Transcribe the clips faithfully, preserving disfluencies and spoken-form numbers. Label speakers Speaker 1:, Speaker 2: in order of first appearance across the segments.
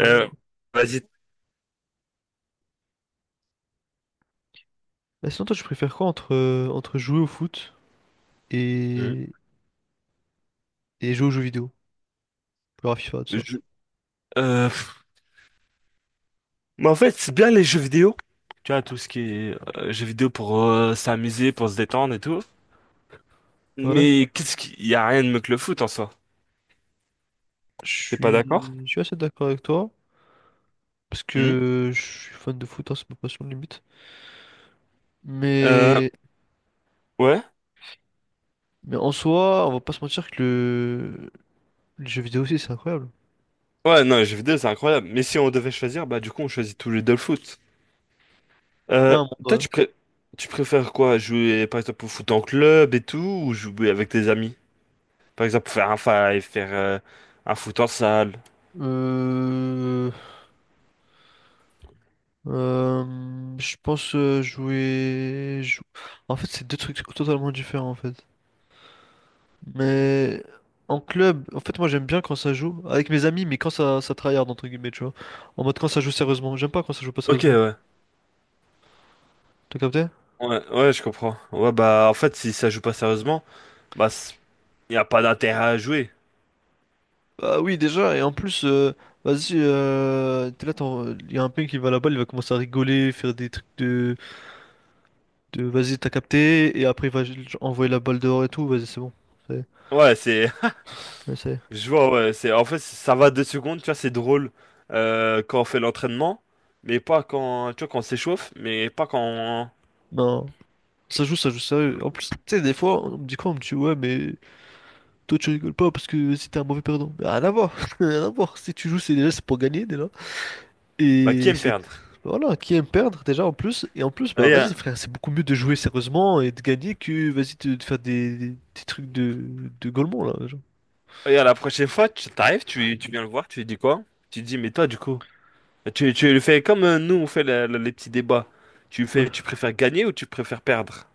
Speaker 1: Euh, vas-y.
Speaker 2: Bah, sinon, toi, tu préfères quoi entre, euh, entre jouer au foot
Speaker 1: Hum.
Speaker 2: et, et jouer aux jeux vidéo? Genre à FIFA, tout ça.
Speaker 1: Je- euh, Mais en fait, c'est bien les jeux vidéo. Tu vois, tout ce qui est euh, jeux vidéo pour euh, s'amuser, pour se détendre et tout.
Speaker 2: Ouais,
Speaker 1: Mais qu'est-ce qu'il y a rien de mieux que le foot en soi.
Speaker 2: je
Speaker 1: T'es pas d'accord?
Speaker 2: suis, je suis assez d'accord avec toi, parce
Speaker 1: Hum.
Speaker 2: que je suis fan de foot, hein, c'est ma passion limite.
Speaker 1: Euh,
Speaker 2: Mais,
Speaker 1: ouais.
Speaker 2: mais en soi, on va pas se mentir que le, les jeux vidéo aussi, c'est incroyable.
Speaker 1: Ouais, non, les jeux vidéo, c'est incroyable. Mais si on devait choisir, bah du coup, on choisit tous les deux le foot.
Speaker 2: Il y a
Speaker 1: Euh,
Speaker 2: un
Speaker 1: toi,
Speaker 2: monde, ouais.
Speaker 1: tu pré- tu préfères quoi? Jouer, par exemple, au foot en club et tout, ou jouer avec tes amis? Par exemple, faire un five, faire euh, un foot en salle.
Speaker 2: Euh, euh, je pense euh, jouer, jou- en fait, c'est deux trucs totalement différents, en fait. Mais en club, en fait, moi j'aime bien quand ça joue avec mes amis, mais quand ça, ça tryhard, entre guillemets, tu vois. En mode quand ça joue sérieusement. J'aime pas quand ça joue pas
Speaker 1: Ok,
Speaker 2: sérieusement.
Speaker 1: ouais.
Speaker 2: T'as capté?
Speaker 1: Ouais, ouais, je comprends. Ouais, bah, en fait, si ça joue pas sérieusement, bah, il y a pas d'intérêt à jouer.
Speaker 2: Bah oui, déjà, et en plus, euh, vas-y, euh, t'es là, il y a un ping qui va là-bas, il va commencer à rigoler, faire des trucs de, de vas-y, t'as capté, et après il va genre, envoyer la balle dehors et tout, vas-y, c'est bon. C'est,
Speaker 1: Ouais, c'est,
Speaker 2: ouais, c'est-
Speaker 1: je vois, ouais, c'est, en fait, ça va deux secondes, tu vois, c'est drôle euh, quand on fait l'entraînement, mais pas quand, tu vois, quand on s'échauffe, mais pas quand, on-
Speaker 2: Non, ça joue, ça joue sérieux. En plus, tu sais, des fois, on me dit quoi? On me dit, ouais, mais toi, tu rigoles pas parce que c'était un mauvais perdant. Mais rien à voir, rien à voir. Si tu joues, c'est déjà c'est pour gagner déjà.
Speaker 1: bah, qui
Speaker 2: Et
Speaker 1: aime
Speaker 2: c'est
Speaker 1: perdre?
Speaker 2: voilà, qui aime perdre déjà en plus. Et en plus, bah vas-y
Speaker 1: Regarde,
Speaker 2: frère, c'est beaucoup mieux de jouer sérieusement et de gagner que vas-y te- de faire des, des, des trucs de de gaulement là. Genre.
Speaker 1: regarde, la prochaine fois, tu t'arrives, tu, tu viens le voir, tu lui dis quoi? Tu lui dis, mais toi, du coup, tu, tu le fais comme euh, nous, on fait la- la- les petits débats. Tu
Speaker 2: Ouais,
Speaker 1: fais, tu préfères gagner ou tu préfères perdre?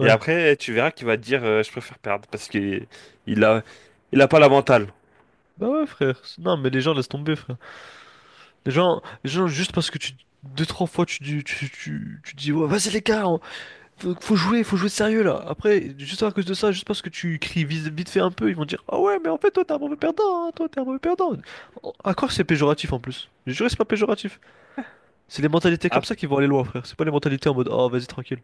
Speaker 1: Et après, tu verras qu'il va dire euh, je préfère perdre parce qu'il il a il a pas la mentale.
Speaker 2: Bah ouais frère. C'est- Non mais les gens laissent tomber frère. Les gens, les gens juste parce que tu deux trois fois tu dis tu, tu, tu dis ouais vas-y les gars, Faut, faut jouer, faut jouer sérieux là. Après, juste à cause de ça, juste parce que tu cries vite, vite fait un peu, ils vont dire ah ouais, mais en fait, toi t'es un mauvais perdant, hein, toi t'es un mauvais perdant. À quoi c'est péjoratif en plus? Je jure, c'est pas péjoratif. C'est les mentalités comme
Speaker 1: Ah,
Speaker 2: ça qui vont aller loin, frère. C'est pas les mentalités en mode ah vas-y, tranquille.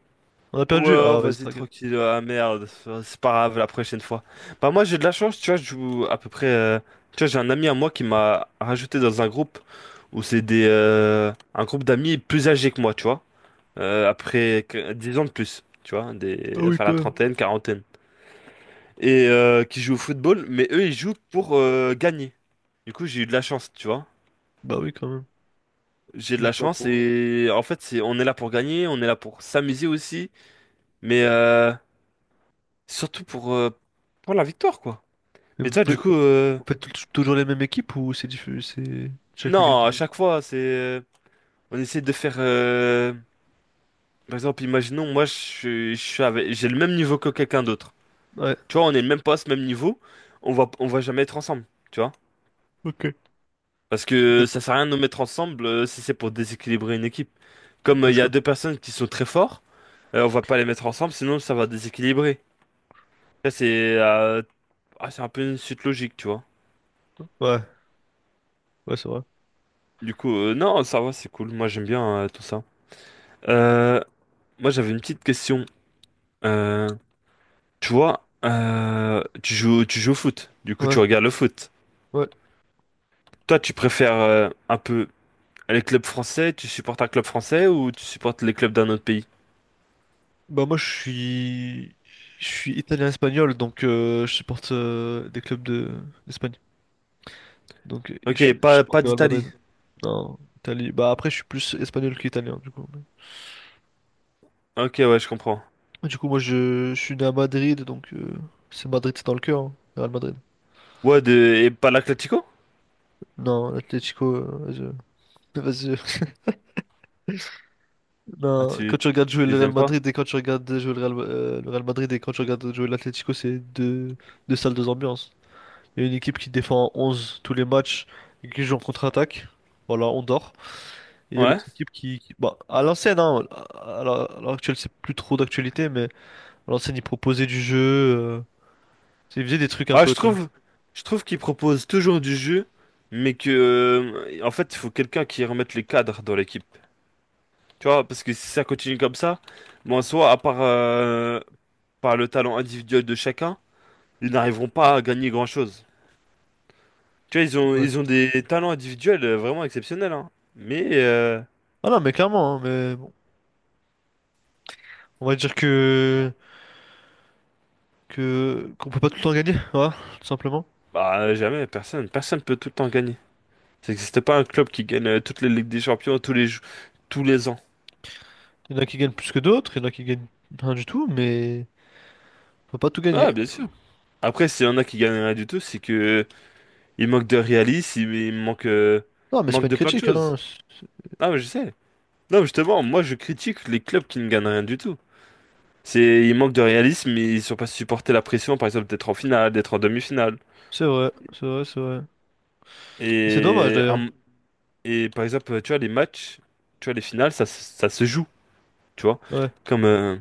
Speaker 2: On a perdu?
Speaker 1: ouais,
Speaker 2: Ah vas-y,
Speaker 1: vas-y
Speaker 2: tranquille.
Speaker 1: tranquille, ah merde, c'est pas grave la prochaine fois. Bah moi j'ai de la chance, tu vois, je joue à peu près euh, tu vois, j'ai un ami à moi qui m'a rajouté dans un groupe où c'est des euh, un groupe d'amis plus âgés que moi, tu vois. Euh, après que- dix ans de plus, tu vois,
Speaker 2: Ah
Speaker 1: des
Speaker 2: oui,
Speaker 1: enfin
Speaker 2: quand
Speaker 1: la
Speaker 2: même.
Speaker 1: trentaine, quarantaine et euh, qui jouent au football, mais eux ils jouent pour euh, gagner. Du coup, j'ai eu de la chance, tu vois.
Speaker 2: Bah oui, quand même.
Speaker 1: J'ai de
Speaker 2: Tu joues
Speaker 1: la
Speaker 2: pas
Speaker 1: chance
Speaker 2: pour.
Speaker 1: et en fait, c'est, on est là pour gagner, on est là pour s'amuser aussi, mais euh, surtout pour, euh, pour la victoire, quoi.
Speaker 2: Et
Speaker 1: Mais
Speaker 2: vous
Speaker 1: toi, du
Speaker 2: faites,
Speaker 1: coup, euh,
Speaker 2: vous faites tou- toujours les mêmes équipes ou c'est diffu- c'est chaque week-end
Speaker 1: non, à
Speaker 2: différent?
Speaker 1: chaque fois, c'est, euh, on essaie de faire, euh, par exemple, imaginons, moi, je, suis- je suis avec- j'ai le même niveau que quelqu'un d'autre.
Speaker 2: Ouais,
Speaker 1: Tu vois, on est le même poste, même niveau, on va, on va jamais être ensemble, tu vois.
Speaker 2: ok.
Speaker 1: Parce
Speaker 2: Ok,
Speaker 1: que ça
Speaker 2: je-
Speaker 1: sert à rien de nous mettre ensemble euh, si c'est pour déséquilibrer une équipe. Comme euh,
Speaker 2: Ouais,
Speaker 1: il
Speaker 2: je
Speaker 1: y a
Speaker 2: comprends.
Speaker 1: deux personnes qui sont très fortes, euh, on va pas les mettre ensemble, sinon ça va déséquilibrer. Ça, c'est euh, ah, c'est un peu une suite logique, tu vois.
Speaker 2: Ouais, ouais, c'est vrai.
Speaker 1: Du coup, euh, non, ça va, c'est cool. Moi, j'aime bien euh, tout ça. Euh, moi, j'avais une petite question. Euh, tu vois, euh, tu joues, tu joues au foot. Du coup, tu
Speaker 2: Ouais,
Speaker 1: regardes le foot.
Speaker 2: ouais.
Speaker 1: Toi, tu préfères euh, un peu les clubs français? Tu supportes un club français ou tu supportes les clubs d'un autre pays?
Speaker 2: Bah moi je suis je suis italien-espagnol donc euh, je supporte euh, des clubs de d'Espagne. Donc euh, je,
Speaker 1: Ok,
Speaker 2: je
Speaker 1: pas,
Speaker 2: supporte
Speaker 1: pas
Speaker 2: le Real
Speaker 1: d'Italie.
Speaker 2: Madrid. Non, Italie. Bah après je suis plus espagnol qu'italien du coup.
Speaker 1: Ok, ouais, je comprends.
Speaker 2: Du coup moi je, je suis né à Madrid donc euh, c'est Madrid, c'est dans le cœur, hein, le Real Madrid.
Speaker 1: Ouais, de, et pas l'Atlético?
Speaker 2: Non, l'Atlético euh, vas-y. Vas-y.
Speaker 1: Ah,
Speaker 2: Non,
Speaker 1: tu
Speaker 2: quand tu regardes jouer le
Speaker 1: les
Speaker 2: Real
Speaker 1: aimes pas?
Speaker 2: Madrid et quand tu regardes jouer le Real, euh, le Real Madrid et quand tu regardes jouer l'Atlético, c'est deux deux salles deux ambiances. Il y a une équipe qui défend à onze tous les matchs et qui joue en contre-attaque. Voilà, on dort. Et il y a
Speaker 1: Ouais.
Speaker 2: l'autre équipe qui, qui- bah, à l'ancienne, hein, à à l'heure à l'heure actuelle, c'est plus trop d'actualité, mais à l'ancienne, ils proposaient du jeu. Euh, ils faisaient des trucs un
Speaker 1: Ah,
Speaker 2: peu.
Speaker 1: je
Speaker 2: Tu vois.
Speaker 1: trouve, je trouve qu'ils proposent toujours du jeu, mais que, euh, en fait, il faut quelqu'un qui remette les cadres dans l'équipe. Tu vois, parce que si ça continue comme ça, bon, en soi, à part euh, par le talent individuel de chacun, ils n'arriveront pas à gagner grand-chose. Tu vois, ils ont,
Speaker 2: Ouais.
Speaker 1: ils ont des talents individuels euh, vraiment exceptionnels, hein. Mais, euh,
Speaker 2: Ah non, mais clairement, hein, mais bon. On va dire
Speaker 1: bon,
Speaker 2: que, que, qu'on peut pas tout le temps gagner, voilà, tout simplement.
Speaker 1: bah, jamais, personne, personne peut tout le temps gagner. Ça n'existe pas un club qui gagne euh, toutes les Ligues des Champions tous les, jou- tous les ans.
Speaker 2: Il y en a qui gagnent plus que d'autres, il y en a qui gagnent rien du tout, mais on peut pas tout
Speaker 1: Ah,
Speaker 2: gagner.
Speaker 1: bien sûr. Après, s'il y en a qui gagnent rien du tout, c'est que il manque de réalisme, il, il manque, euh,
Speaker 2: Non, mais
Speaker 1: il
Speaker 2: c'est pas
Speaker 1: manque
Speaker 2: une
Speaker 1: de plein de
Speaker 2: critique, hein.
Speaker 1: choses. Ah, mais je sais. Non, justement, moi je critique les clubs qui ne gagnent rien du tout. C'est, ils manquent de réalisme, ils sont pas supporter la pression, par exemple, d'être en finale, d'être en demi-finale.
Speaker 2: C'est vrai, c'est vrai, c'est vrai. Et c'est dommage
Speaker 1: Et,
Speaker 2: d'ailleurs.
Speaker 1: un- et par exemple, tu vois, les matchs, tu vois, les finales, ça, se- ça se joue, tu vois.
Speaker 2: Ouais,
Speaker 1: Comme, euh,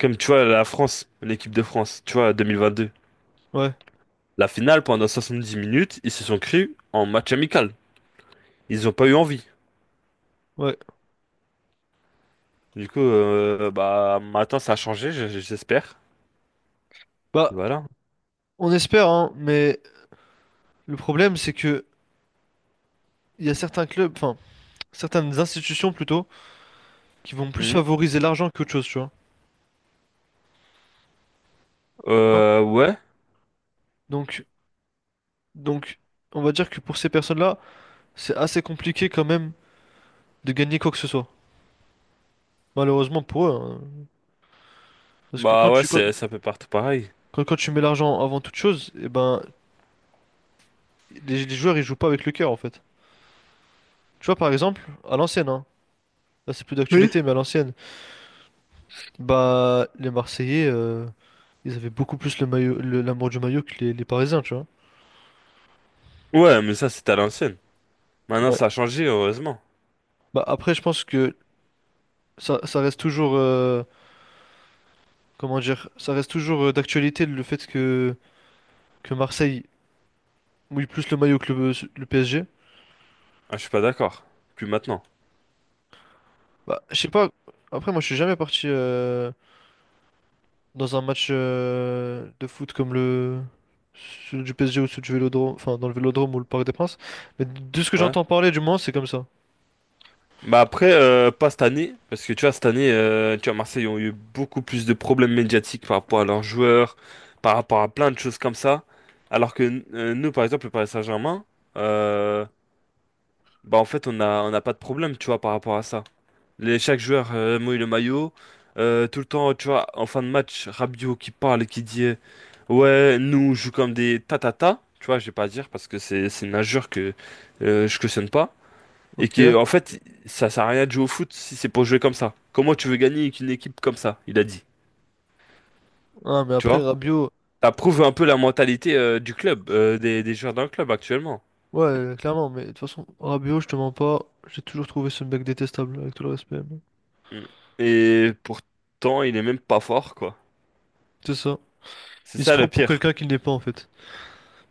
Speaker 1: comme tu vois, la France, l'équipe de France, tu vois, deux mille vingt-deux.
Speaker 2: ouais,
Speaker 1: La finale, pendant soixante-dix minutes, ils se sont cru en match amical. Ils n'ont pas eu envie.
Speaker 2: ouais.
Speaker 1: Du coup, euh, bah maintenant ça a changé, je- je- j'espère.
Speaker 2: Bah,
Speaker 1: Voilà.
Speaker 2: on espère, hein, mais le problème, c'est que il y a certains clubs, enfin, certaines institutions plutôt, qui vont plus
Speaker 1: Mhm.
Speaker 2: favoriser l'argent qu'autre chose, tu vois. Hein.
Speaker 1: Euh, ouais.
Speaker 2: Donc, donc, on va dire que pour ces personnes-là, c'est assez compliqué quand même de gagner quoi que ce soit. Malheureusement pour eux, hein. Parce que
Speaker 1: Bah
Speaker 2: quand
Speaker 1: ouais,
Speaker 2: tu, quand,
Speaker 1: c'est c'est un peu partout pareil.
Speaker 2: quand- quand tu mets l'argent avant toute chose, et ben, les, les joueurs, ils jouent pas avec le cœur, en fait. Tu vois, par exemple, à l'ancienne, hein, là, c'est plus
Speaker 1: Oui.
Speaker 2: d'actualité, mais à l'ancienne, bah, les Marseillais, euh, ils avaient beaucoup plus le maillot, le- l'amour du maillot que les, les Parisiens, tu vois.
Speaker 1: Ouais, mais ça c'était à l'ancienne. Maintenant ça a changé, heureusement.
Speaker 2: Bah après, je pense que ça, ça reste toujours, euh, comment dire, ça reste toujours euh, d'actualité le fait que, que Marseille mouille plus le maillot que le, le P S G.
Speaker 1: Ah, je suis pas d'accord. Plus maintenant.
Speaker 2: Bah, je sais pas, après moi je suis jamais parti euh, dans un match euh, de foot comme le celui du P S G ou celui du Vélodrome, enfin dans le Vélodrome ou le Parc des Princes, mais de ce que
Speaker 1: Ouais.
Speaker 2: j'entends parler du moins c'est comme ça.
Speaker 1: Bah après, euh, pas cette année, parce que tu vois, cette année, euh, tu vois, Marseille ont eu beaucoup plus de problèmes médiatiques par rapport à leurs joueurs, par rapport à plein de choses comme ça. Alors que euh, nous, par exemple, le Paris Saint-Germain, euh, bah en fait, on a, on n'a pas de problème, tu vois, par rapport à ça. Les, chaque joueur euh, mouille le maillot. Euh, tout le temps, tu vois, en fin de match, Rabiot qui parle et qui dit euh, ouais, nous, on joue comme des tatata. Tu vois, je vais pas à dire parce que c'est c'est une injure que euh, je cautionne pas. Et
Speaker 2: Ok.
Speaker 1: qui, en fait, ça sert à rien de jouer au foot si c'est pour jouer comme ça. Comment tu veux gagner avec une équipe comme ça? Il a dit.
Speaker 2: Ah mais
Speaker 1: Tu
Speaker 2: après
Speaker 1: vois?
Speaker 2: Rabiot,
Speaker 1: Ça prouve un peu la mentalité euh, du club, euh, des, des joueurs d'un club actuellement.
Speaker 2: ouais clairement, mais de toute façon Rabiot je te mens pas, j'ai toujours trouvé ce mec détestable avec tout le respect. Mais
Speaker 1: Mm. Et pourtant, il est même pas fort, quoi.
Speaker 2: c'est ça.
Speaker 1: C'est
Speaker 2: Il se
Speaker 1: ça le
Speaker 2: prend pour
Speaker 1: pire.
Speaker 2: quelqu'un qu'il n'est pas en fait.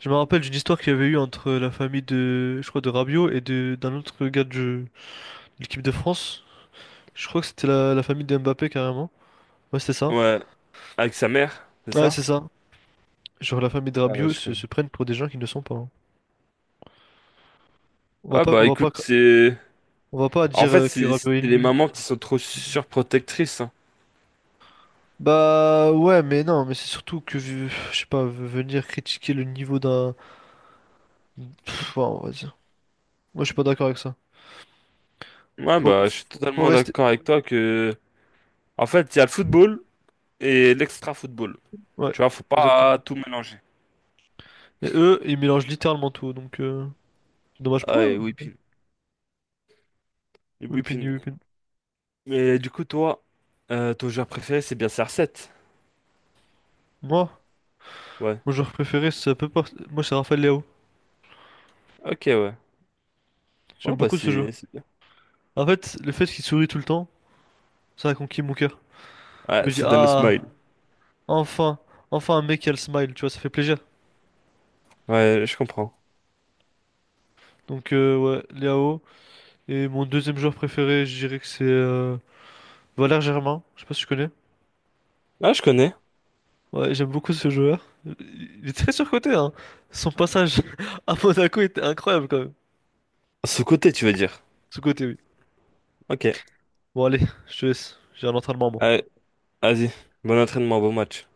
Speaker 2: Je me rappelle d'une histoire qu'il y avait eu entre la famille de, je crois, de Rabiot et de d'un autre gars de l'équipe de France. Je crois que c'était la, la famille de Mbappé carrément. Ouais, c'est ça.
Speaker 1: Ouais, avec sa mère, c'est
Speaker 2: Ouais,
Speaker 1: ça?
Speaker 2: c'est ça. Genre la famille de
Speaker 1: Ah ouais,
Speaker 2: Rabiot
Speaker 1: je
Speaker 2: se,
Speaker 1: connais.
Speaker 2: se prennent pour des gens qui ne sont pas. Hein. On va
Speaker 1: Ah
Speaker 2: pas, on
Speaker 1: bah
Speaker 2: va pas,
Speaker 1: écoute,
Speaker 2: cra-
Speaker 1: c'est...
Speaker 2: on va pas
Speaker 1: En
Speaker 2: dire
Speaker 1: fait,
Speaker 2: euh, que
Speaker 1: c'est
Speaker 2: Rabiot
Speaker 1: c'est
Speaker 2: est
Speaker 1: les
Speaker 2: nul.
Speaker 1: mamans qui sont trop surprotectrices. Hein.
Speaker 2: Bah ouais, mais non, mais c'est surtout que vu- je sais pas, v- venir critiquer le niveau d'un, pff, ouais, on va dire. Moi, je suis pas d'accord avec ça.
Speaker 1: Ouais
Speaker 2: Faut,
Speaker 1: bah je suis
Speaker 2: faut faut
Speaker 1: totalement
Speaker 2: rester.
Speaker 1: d'accord avec toi que... En fait, il y a le football et l'extra-football.
Speaker 2: Ouais,
Speaker 1: Tu vois, faut pas
Speaker 2: exactement.
Speaker 1: tout mélanger.
Speaker 2: Et eux, ils mélangent littéralement tout, donc euh, c'est dommage pour
Speaker 1: Ah
Speaker 2: eux.
Speaker 1: et
Speaker 2: Hein.
Speaker 1: Whipping. Et
Speaker 2: Whipping the
Speaker 1: Whipping.
Speaker 2: Whipping.
Speaker 1: Mais du coup, toi, euh, ton joueur préféré, c'est bien C R sept.
Speaker 2: Moi,
Speaker 1: Ouais.
Speaker 2: mon joueur préféré, ça peut pas. Moi, c'est Rafael Leao.
Speaker 1: Ok, ouais. Ouais
Speaker 2: J'aime
Speaker 1: bah
Speaker 2: beaucoup ce
Speaker 1: c'est
Speaker 2: joueur.
Speaker 1: c'est bien.
Speaker 2: En fait, le fait qu'il sourit tout le temps, ça a conquis mon cœur. Je
Speaker 1: Ouais,
Speaker 2: me dis,
Speaker 1: ça donne le
Speaker 2: ah,
Speaker 1: smile.
Speaker 2: enfin, enfin un mec qui a le smile, tu vois, ça fait plaisir.
Speaker 1: Ouais, je comprends.
Speaker 2: Donc, euh, ouais, Leao. Et mon deuxième joueur préféré, je dirais que c'est euh, Valère Germain. Je sais pas si tu connais.
Speaker 1: Ah, je connais.
Speaker 2: Ouais, j'aime beaucoup ce joueur. Il est très surcoté, hein. Son passage à Monaco était incroyable quand même.
Speaker 1: Ce côté, tu veux dire.
Speaker 2: Sous-coté, oui.
Speaker 1: Ok.
Speaker 2: Bon, allez, je te laisse. J'ai un entraînement, moi.
Speaker 1: Allez, vas-y. Bon entraînement, bon match.